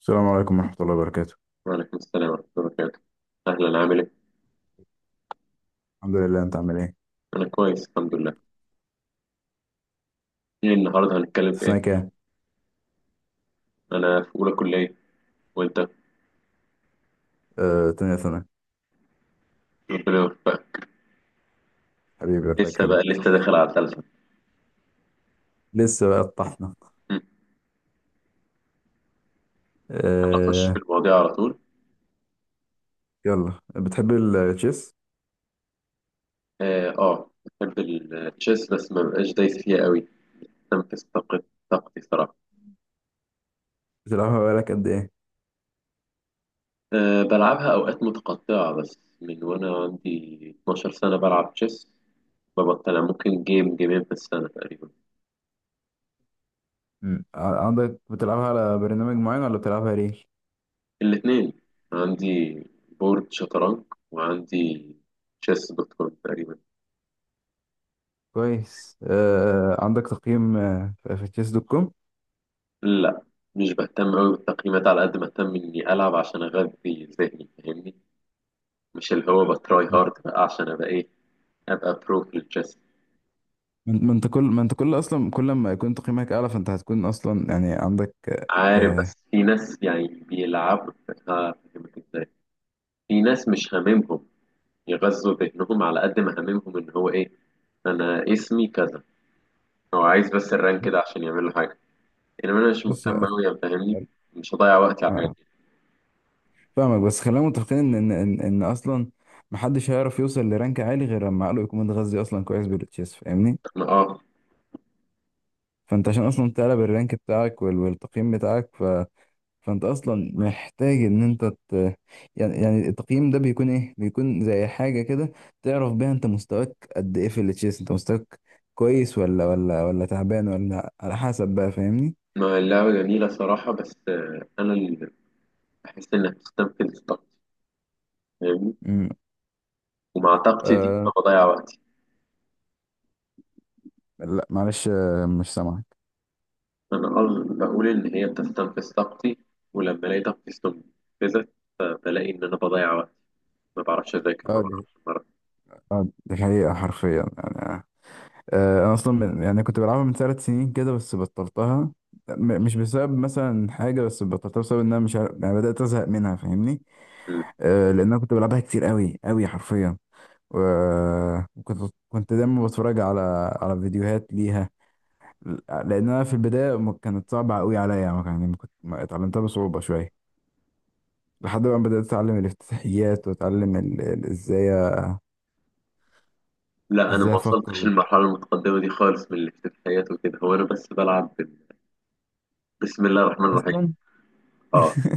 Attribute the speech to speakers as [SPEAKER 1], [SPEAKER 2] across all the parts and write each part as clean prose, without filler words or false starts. [SPEAKER 1] السلام عليكم ورحمة الله وبركاته.
[SPEAKER 2] وعليكم السلام ورحمة الله وبركاته. أهلا، عامل إيه؟
[SPEAKER 1] الحمد لله، انت عامل ايه؟
[SPEAKER 2] أنا كويس الحمد لله. إيه النهاردة هنتكلم
[SPEAKER 1] في
[SPEAKER 2] في
[SPEAKER 1] سنة
[SPEAKER 2] إيه؟
[SPEAKER 1] كام؟
[SPEAKER 2] أنا في أولى كلية. وأنت؟
[SPEAKER 1] تانية سنة.
[SPEAKER 2] ربنا يوفقك.
[SPEAKER 1] حبيبي، الله
[SPEAKER 2] لسه بقى
[SPEAKER 1] يكرمك.
[SPEAKER 2] لسه داخل على الثالثة.
[SPEAKER 1] لسه بقى الطحنة.
[SPEAKER 2] أنا أخش في
[SPEAKER 1] آه،
[SPEAKER 2] المواضيع على طول.
[SPEAKER 1] يلا، بتحب التشيس؟
[SPEAKER 2] آه آه، بحب التشيس بس ما بقاش دايس فيها قوي. بستنفذ طاقتي صراحة.
[SPEAKER 1] بتلعبها بقالك قد ايه؟
[SPEAKER 2] أه بلعبها أوقات متقطعة بس من وأنا عندي 12 سنة بلعب تشيس. ببطل، ممكن جيم جيمين في السنة تقريبا.
[SPEAKER 1] عندك بتلعبها على برنامج معين ولا بتلعبها ريل؟
[SPEAKER 2] الاثنين. عندي بورد شطرنج، وعندي تشيس دوت كوم تقريبا.
[SPEAKER 1] كويس. عندك تقييم في تشيس دوت كوم؟
[SPEAKER 2] لا، مش بهتم قوي بالتقييمات على قد ما اهتم اني العب عشان اغذي ذهني، فاهمني؟ مش اللي هو بتراي
[SPEAKER 1] مم.
[SPEAKER 2] هارد بقى عشان ابقى ايه، ابقى برو في التشيس.
[SPEAKER 1] ما انت كل اصلا كل ما يكون تقييمك اعلى، فانت هتكون اصلا يعني عندك…
[SPEAKER 2] عارف،
[SPEAKER 1] آه،
[SPEAKER 2] بس في ناس يعني بيلعبوا. هفهمك ازاي. في ناس مش هاممهم يغذوا ذهنهم على قد ما هاممهم ان هو ايه، انا اسمي كذا، هو عايز بس الرانك ده عشان يعمل له حاجه. يعني انا مش مهتم قوي، فاهمني؟
[SPEAKER 1] بص،
[SPEAKER 2] مش هضيع وقتي على الحاجات دي.
[SPEAKER 1] فاهمك، بس خلينا متفقين إن اصلا محدش هيعرف يوصل لرانك عالي غير لما عقله يكون متغذي اصلا كويس بالتشيس، فاهمني؟
[SPEAKER 2] ما اه.
[SPEAKER 1] فانت عشان اصلا تعلى بالرانك بتاعك والتقييم بتاعك، ف فانت اصلا محتاج ان انت ت... يعني يعني التقييم ده بيكون ايه، بيكون زي حاجه كده تعرف بيها انت مستواك قد ايه في التشيس. انت مستواك كويس ولا ولا تعبان، ولا على حسب بقى، فاهمني؟
[SPEAKER 2] ما اللعبه جميله صراحه بس انا اللي بحس انها بتستنفذ طاقتي، فاهمني؟
[SPEAKER 1] امم،
[SPEAKER 2] ومع طاقتي دي
[SPEAKER 1] آه.
[SPEAKER 2] فبضيع وقتي.
[SPEAKER 1] لا معلش، مش سامعك.
[SPEAKER 2] انا بقول ان هي بتستنفذ طاقتي، ولما الاقي طاقتي استنفذت بلاقي ان انا بضيع وقتي. ما بعرفش اذاكر،
[SPEAKER 1] اه
[SPEAKER 2] ما
[SPEAKER 1] دي
[SPEAKER 2] بعرفش مرة.
[SPEAKER 1] اه دي حقيقه حرفيا يعني. انا اصلا من يعني كنت بلعبها من ثلاث سنين كده، بس بطلتها. مش بسبب مثلا حاجه، بس بطلتها بسبب ان انا مش عارف، يعني بدات ازهق منها، فاهمني؟ أه، لان انا كنت بلعبها كتير قوي قوي حرفيا. وكنت دايما بتفرج على فيديوهات ليها، لان انا في البدايه ما كانت صعبه قوي عليا يعني. ما اتعلمتها بصعوبه شويه، لحد ما بدات اتعلم الافتتاحيات واتعلم ازاي
[SPEAKER 2] لا، انا ما
[SPEAKER 1] افكر
[SPEAKER 2] وصلتش للمرحله
[SPEAKER 1] وكده
[SPEAKER 2] المتقدمه دي خالص من الافتتاحيات وكده. هو انا بس بلعب بسم الله الرحمن الرحيم.
[SPEAKER 1] اصلا.
[SPEAKER 2] اه،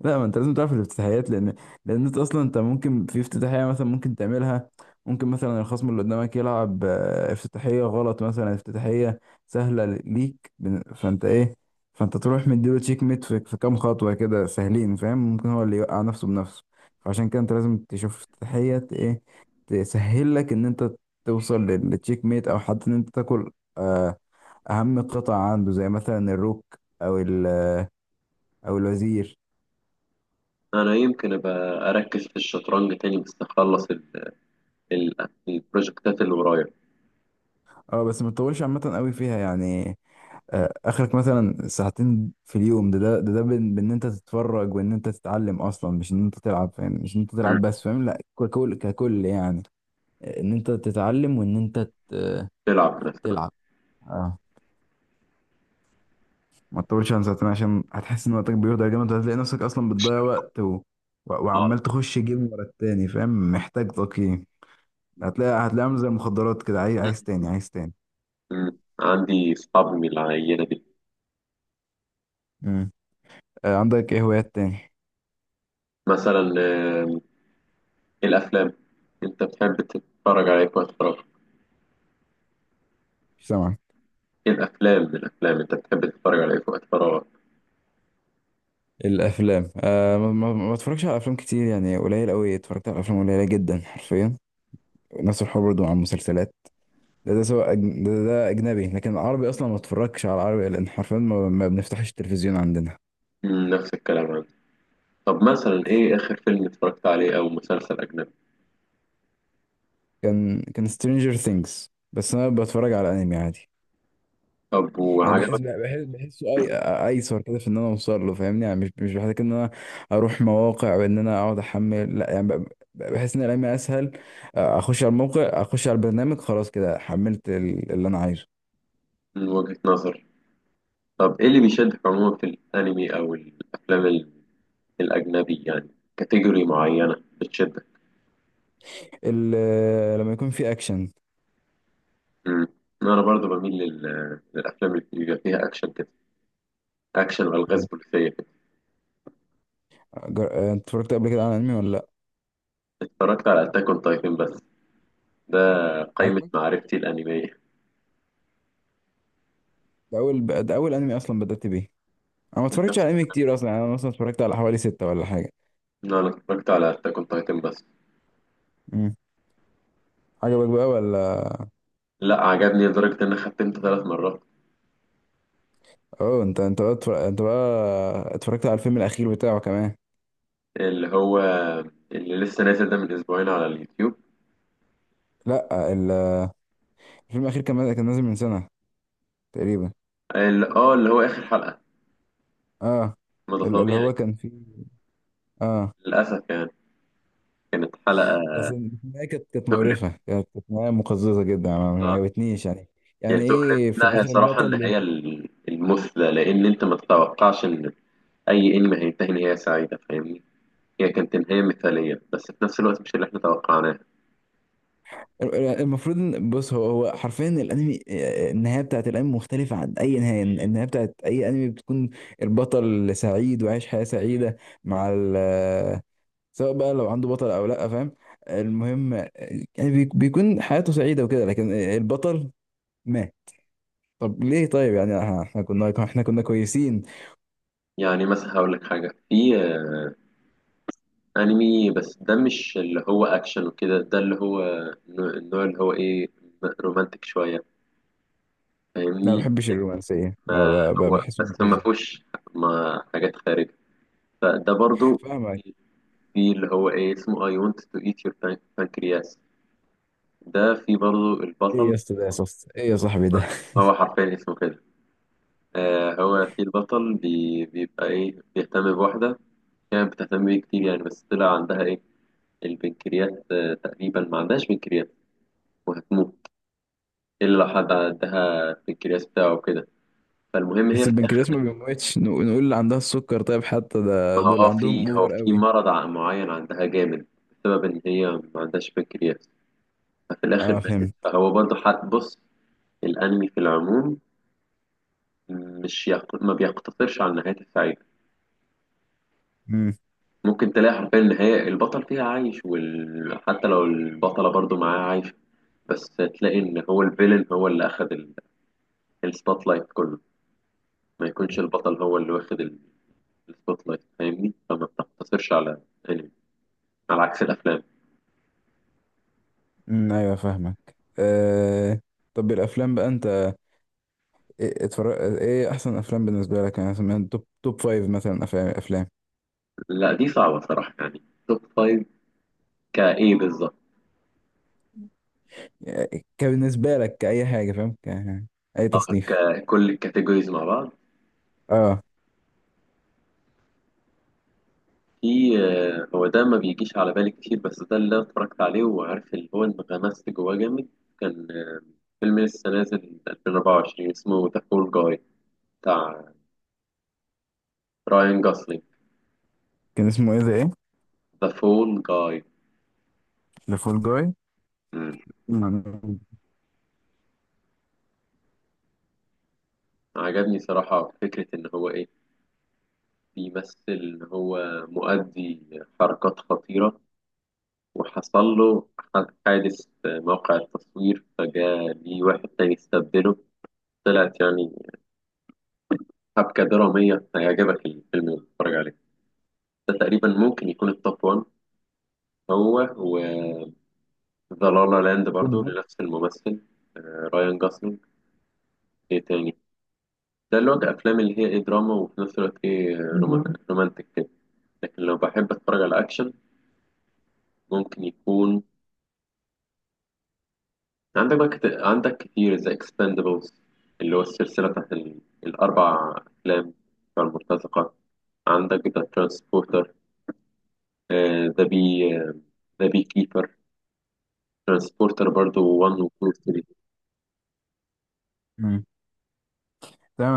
[SPEAKER 1] لا، ما انت لازم تعرف الافتتاحيات، لان انت اصلا، انت ممكن في افتتاحيه مثلا ممكن تعملها، ممكن مثلا الخصم اللي قدامك يلعب افتتاحيه غلط، مثلا افتتاحيه سهله ليك. فانت ايه، فانت تروح مديله تشيك ميت في كام خطوه كده سهلين، فاهم؟ ممكن هو اللي يوقع نفسه بنفسه. فعشان كده انت لازم تشوف افتتاحيه ايه، تسهل لك ان انت توصل للتشيك ميت، او حتى ان انت تاكل آه، اهم قطع عنده، زي مثلا الروك، او ال- آه، او الوزير.
[SPEAKER 2] انا يمكن ابقى اركز في الشطرنج تاني بس اخلص البروجكتات اللي ورايا.
[SPEAKER 1] اه، بس ما تطولش عامة قوي فيها يعني. اخرك مثلا ساعتين في اليوم، ده بان بإن انت تتفرج وان انت تتعلم اصلا، مش ان انت تلعب، فاهم؟ مش ان انت تلعب
[SPEAKER 2] مم.
[SPEAKER 1] بس، فاهم؟ لا ككل، يعني. ان انت تتعلم وان انت ت-
[SPEAKER 2] تلعب مثلا.
[SPEAKER 1] تلعب. اه، ما تطولش عن ساعتين، عشان هتحس ان وقتك بيهدر جامد، وهتلاقي نفسك اصلا بتضيع وقت و... و...
[SPEAKER 2] اه.
[SPEAKER 1] وعمال تخش جيم ورا التاني، فاهم؟ محتاج تقييم. هتلاقي عامل زي المخدرات كده، عايز، عايز تاني، عايز تاني.
[SPEAKER 2] عندي اصحاب من العينه دي.
[SPEAKER 1] مم. عندك ايه هوايات تاني؟
[SPEAKER 2] مثلا إيه الافلام؟ انت بتحب تتفرج على ايه في وقت فراغك؟
[SPEAKER 1] مش سامعك.
[SPEAKER 2] إيه الافلام؟ من الافلام انت بتحب تتفرج على ايه في وقت فراغك؟
[SPEAKER 1] الافلام؟ آه، ما بتفرجش على افلام كتير يعني، قليل قوي اتفرجت على افلام، قليله جدا حرفيا. نفس الحوار برضه مع المسلسلات. ده سواء أجن... ده اجنبي، لكن العربي اصلا ما اتفرجش على العربي، لان حرفيا ما بنفتحش التلفزيون عندنا.
[SPEAKER 2] مم، نفس الكلام عندي. طب مثلا ايه اخر فيلم اتفرجت عليه او مسلسل اجنبي؟
[SPEAKER 1] كان سترينجر ثينجز، بس انا بتفرج على انمي عادي،
[SPEAKER 2] طب
[SPEAKER 1] يعني بحس
[SPEAKER 2] وعجبك؟
[SPEAKER 1] بحس بحسه اي، ايسر كده في ان انا اوصل له، فاهمني؟ يعني مش بحتاج ان انا اروح مواقع وان انا اقعد احمل، لا يعني بحس ان الايام اسهل، اخش على الموقع، اخش على البرنامج، خلاص كده حملت اللي انا عايزه.
[SPEAKER 2] من وجهة نظر. طب ايه اللي بيشدك عموما في الانمي او الافلام الاجنبي يعني؟ كاتيجوري معينة بتشدك؟
[SPEAKER 1] لما يكون في اكشن.
[SPEAKER 2] مم. انا برضو بميل لل... للافلام اللي بيبقى فيها اكشن كده، اكشن والغاز بوليسيه كده.
[SPEAKER 1] انت اتفرجت قبل كده على انمي ولا لا؟
[SPEAKER 2] اتفرجت على اتاك اون تايتن بس، ده قائمه
[SPEAKER 1] عجبك؟
[SPEAKER 2] معرفتي الانميه.
[SPEAKER 1] ده اول، ده اول انمي اصلا بدأت بيه. انا ما اتفرجتش
[SPEAKER 2] نفس-
[SPEAKER 1] على انمي كتير اصلا، يعني انا مثلا اتفرجت على حوالي ستة ولا حاجة.
[SPEAKER 2] لا، انا اتفرجت على اتاك اون تايتن بس.
[SPEAKER 1] مم. عجبك بقى ولا؟
[SPEAKER 2] لا، عجبني لدرجه ان انا ختمت ثلاث مرات.
[SPEAKER 1] اه، انت بقى انت بقى اتفرجت على الفيلم الاخير بتاعه كمان؟
[SPEAKER 2] اللي هو اللي لسه نازل ده من اسبوعين على اليوتيوب؟
[SPEAKER 1] لا، الفيلم الاخير كان نازل من سنه تقريبا.
[SPEAKER 2] اللي اه اللي هو اخر حلقه؟
[SPEAKER 1] اه،
[SPEAKER 2] ما ده
[SPEAKER 1] اللي
[SPEAKER 2] طبيعي
[SPEAKER 1] هو كان فيه. اه،
[SPEAKER 2] للاسف يعني. كانت حلقه
[SPEAKER 1] بس النهايه كانت
[SPEAKER 2] تؤلم،
[SPEAKER 1] مقرفه، كانت نهايه مقززه جدا، ما
[SPEAKER 2] آه.
[SPEAKER 1] عجبتنيش يعني. يعني
[SPEAKER 2] يعني تؤلم،
[SPEAKER 1] ايه في
[SPEAKER 2] لا هي
[SPEAKER 1] الاخر
[SPEAKER 2] صراحه
[SPEAKER 1] البطل اللي…
[SPEAKER 2] النهايه المثلى، لان انت ما تتوقعش ان اي انمي هينتهي نهايه سعيده فاهمني. هي كانت نهايه مثاليه بس في نفس الوقت مش اللي احنا توقعناه.
[SPEAKER 1] بص، هو حرفيا الانمي، النهايه بتاعت الانمي مختلفه عن اي نهايه. النهايه بتاعت اي انمي بتكون البطل سعيد وعايش حياه سعيده مع ال… سواء بقى لو عنده بطل او لا، فاهم؟ المهم يعني بيكون حياته سعيده وكده، لكن البطل مات. طب ليه؟ طيب يعني ها، احنا كنا كويسين.
[SPEAKER 2] يعني مثلا هقول لك حاجه في انمي بس ده مش اللي هو اكشن وكده، ده اللي هو النوع اللي هو ايه، رومانتك شويه،
[SPEAKER 1] انا ما
[SPEAKER 2] فاهمني؟
[SPEAKER 1] بحبش الرومانسيه،
[SPEAKER 2] ما هو
[SPEAKER 1] بحس انه
[SPEAKER 2] بس ما
[SPEAKER 1] مقزز.
[SPEAKER 2] فيهوش، ما حاجات خارجه، فده برضو
[SPEAKER 1] فاهمك.
[SPEAKER 2] في. في اللي هو ايه اسمه I want to eat your pancreas. ده في برضو
[SPEAKER 1] ايه
[SPEAKER 2] البطل.
[SPEAKER 1] يا اسطى ده، يا صف ايه يا صاحبي ده؟
[SPEAKER 2] هو حرفيا اسمه كده. آه، هو في البطل بي بيبقى إيه، بيهتم بواحدة كانت بتهتم بيه كتير يعني، بس طلع عندها إيه، البنكرياس. آه تقريبا ما عندهاش بنكرياس وهتموت إلا لو حد عندها البنكرياس بتاعه وكده. فالمهم
[SPEAKER 1] بس
[SPEAKER 2] هي في الآخر
[SPEAKER 1] البنكرياس ما بيموتش. نقول اللي عندها السكر طيب، حتى ده
[SPEAKER 2] ما هو
[SPEAKER 1] دول
[SPEAKER 2] آه في،
[SPEAKER 1] عندهم
[SPEAKER 2] هو
[SPEAKER 1] اوفر
[SPEAKER 2] في
[SPEAKER 1] قوي.
[SPEAKER 2] مرض معين عندها جامد بسبب إن هي ما عندهاش بنكرياس، ففي الآخر
[SPEAKER 1] اه،
[SPEAKER 2] ماتت.
[SPEAKER 1] فهمت.
[SPEAKER 2] فهو برضه حد بص. الأنمي في العموم مش يق... ما بيقتصرش على النهايات السعيدة.
[SPEAKER 1] امم.
[SPEAKER 2] ممكن تلاقي حرفيا النهاية البطل فيها عايش وال... حتى لو البطلة برضو معاه عايشة، بس تلاقي إن هو الفيلن هو اللي أخد ال... السبوت لايت كله، ما يكونش البطل هو اللي واخد السبوت لايت، فاهمني؟ فما بتقتصرش على أنمي، على عكس الأفلام.
[SPEAKER 1] أمم، ايوه فاهمك. آه… طب الافلام بقى انت ايه اتفرج، ايه احسن افلام بالنسبه لك؟ يعني مثلا توب فايف مثلا. افلام
[SPEAKER 2] لا دي صعبة صراحة يعني، توب فايف كإيه بالظبط؟
[SPEAKER 1] يعني كبالنسبه لك كاي حاجه، فاهم؟ ك... اي
[SPEAKER 2] اه،
[SPEAKER 1] تصنيف.
[SPEAKER 2] ككل الكاتيجوريز مع بعض.
[SPEAKER 1] اه.
[SPEAKER 2] في هو ده ما بيجيش على بالي كتير بس ده اللي أنا اتفرجت عليه وعارف اللي هو انغمست جواه جامد. كان فيلم لسه نازل 2024 اسمه ذا فول جاي، بتاع راين جوسلينج.
[SPEAKER 1] كان اسمه ايه ده ايه؟
[SPEAKER 2] ذا فول جاي.
[SPEAKER 1] ذا فول جاي. تمام.
[SPEAKER 2] عجبني صراحة فكرة إن هو إيه، بيمثل إن هو مؤدي حركات خطيرة وحصل له حادث في موقع التصوير فجاء ليه واحد تاني استبدله. طلعت يعني حبكة درامية، هيعجبك الفيلم اللي بتتفرج. ده تقريبا ممكن يكون التوب 1، هو و ذا لا لا لاند
[SPEAKER 1] توب
[SPEAKER 2] برضو
[SPEAKER 1] 1.
[SPEAKER 2] لنفس الممثل، رايان جوسلينج. ايه تاني؟ ده اللي هو الافلام اللي هي ايه، دراما وفي نفس الوقت ايه، رومانتك كده. لكن لو بحب اتفرج على اكشن ممكن يكون عندك بقى عندك كتير زي اكسباندبلز، اللي هو السلسله بتاعت ال... الاربع افلام بتاع المرتزقه. عندك ذا ترانسبورتر، ذا بي ذا بي كيبر، ترانسبورتر برضو 1 و 2 و 3.
[SPEAKER 1] تمام.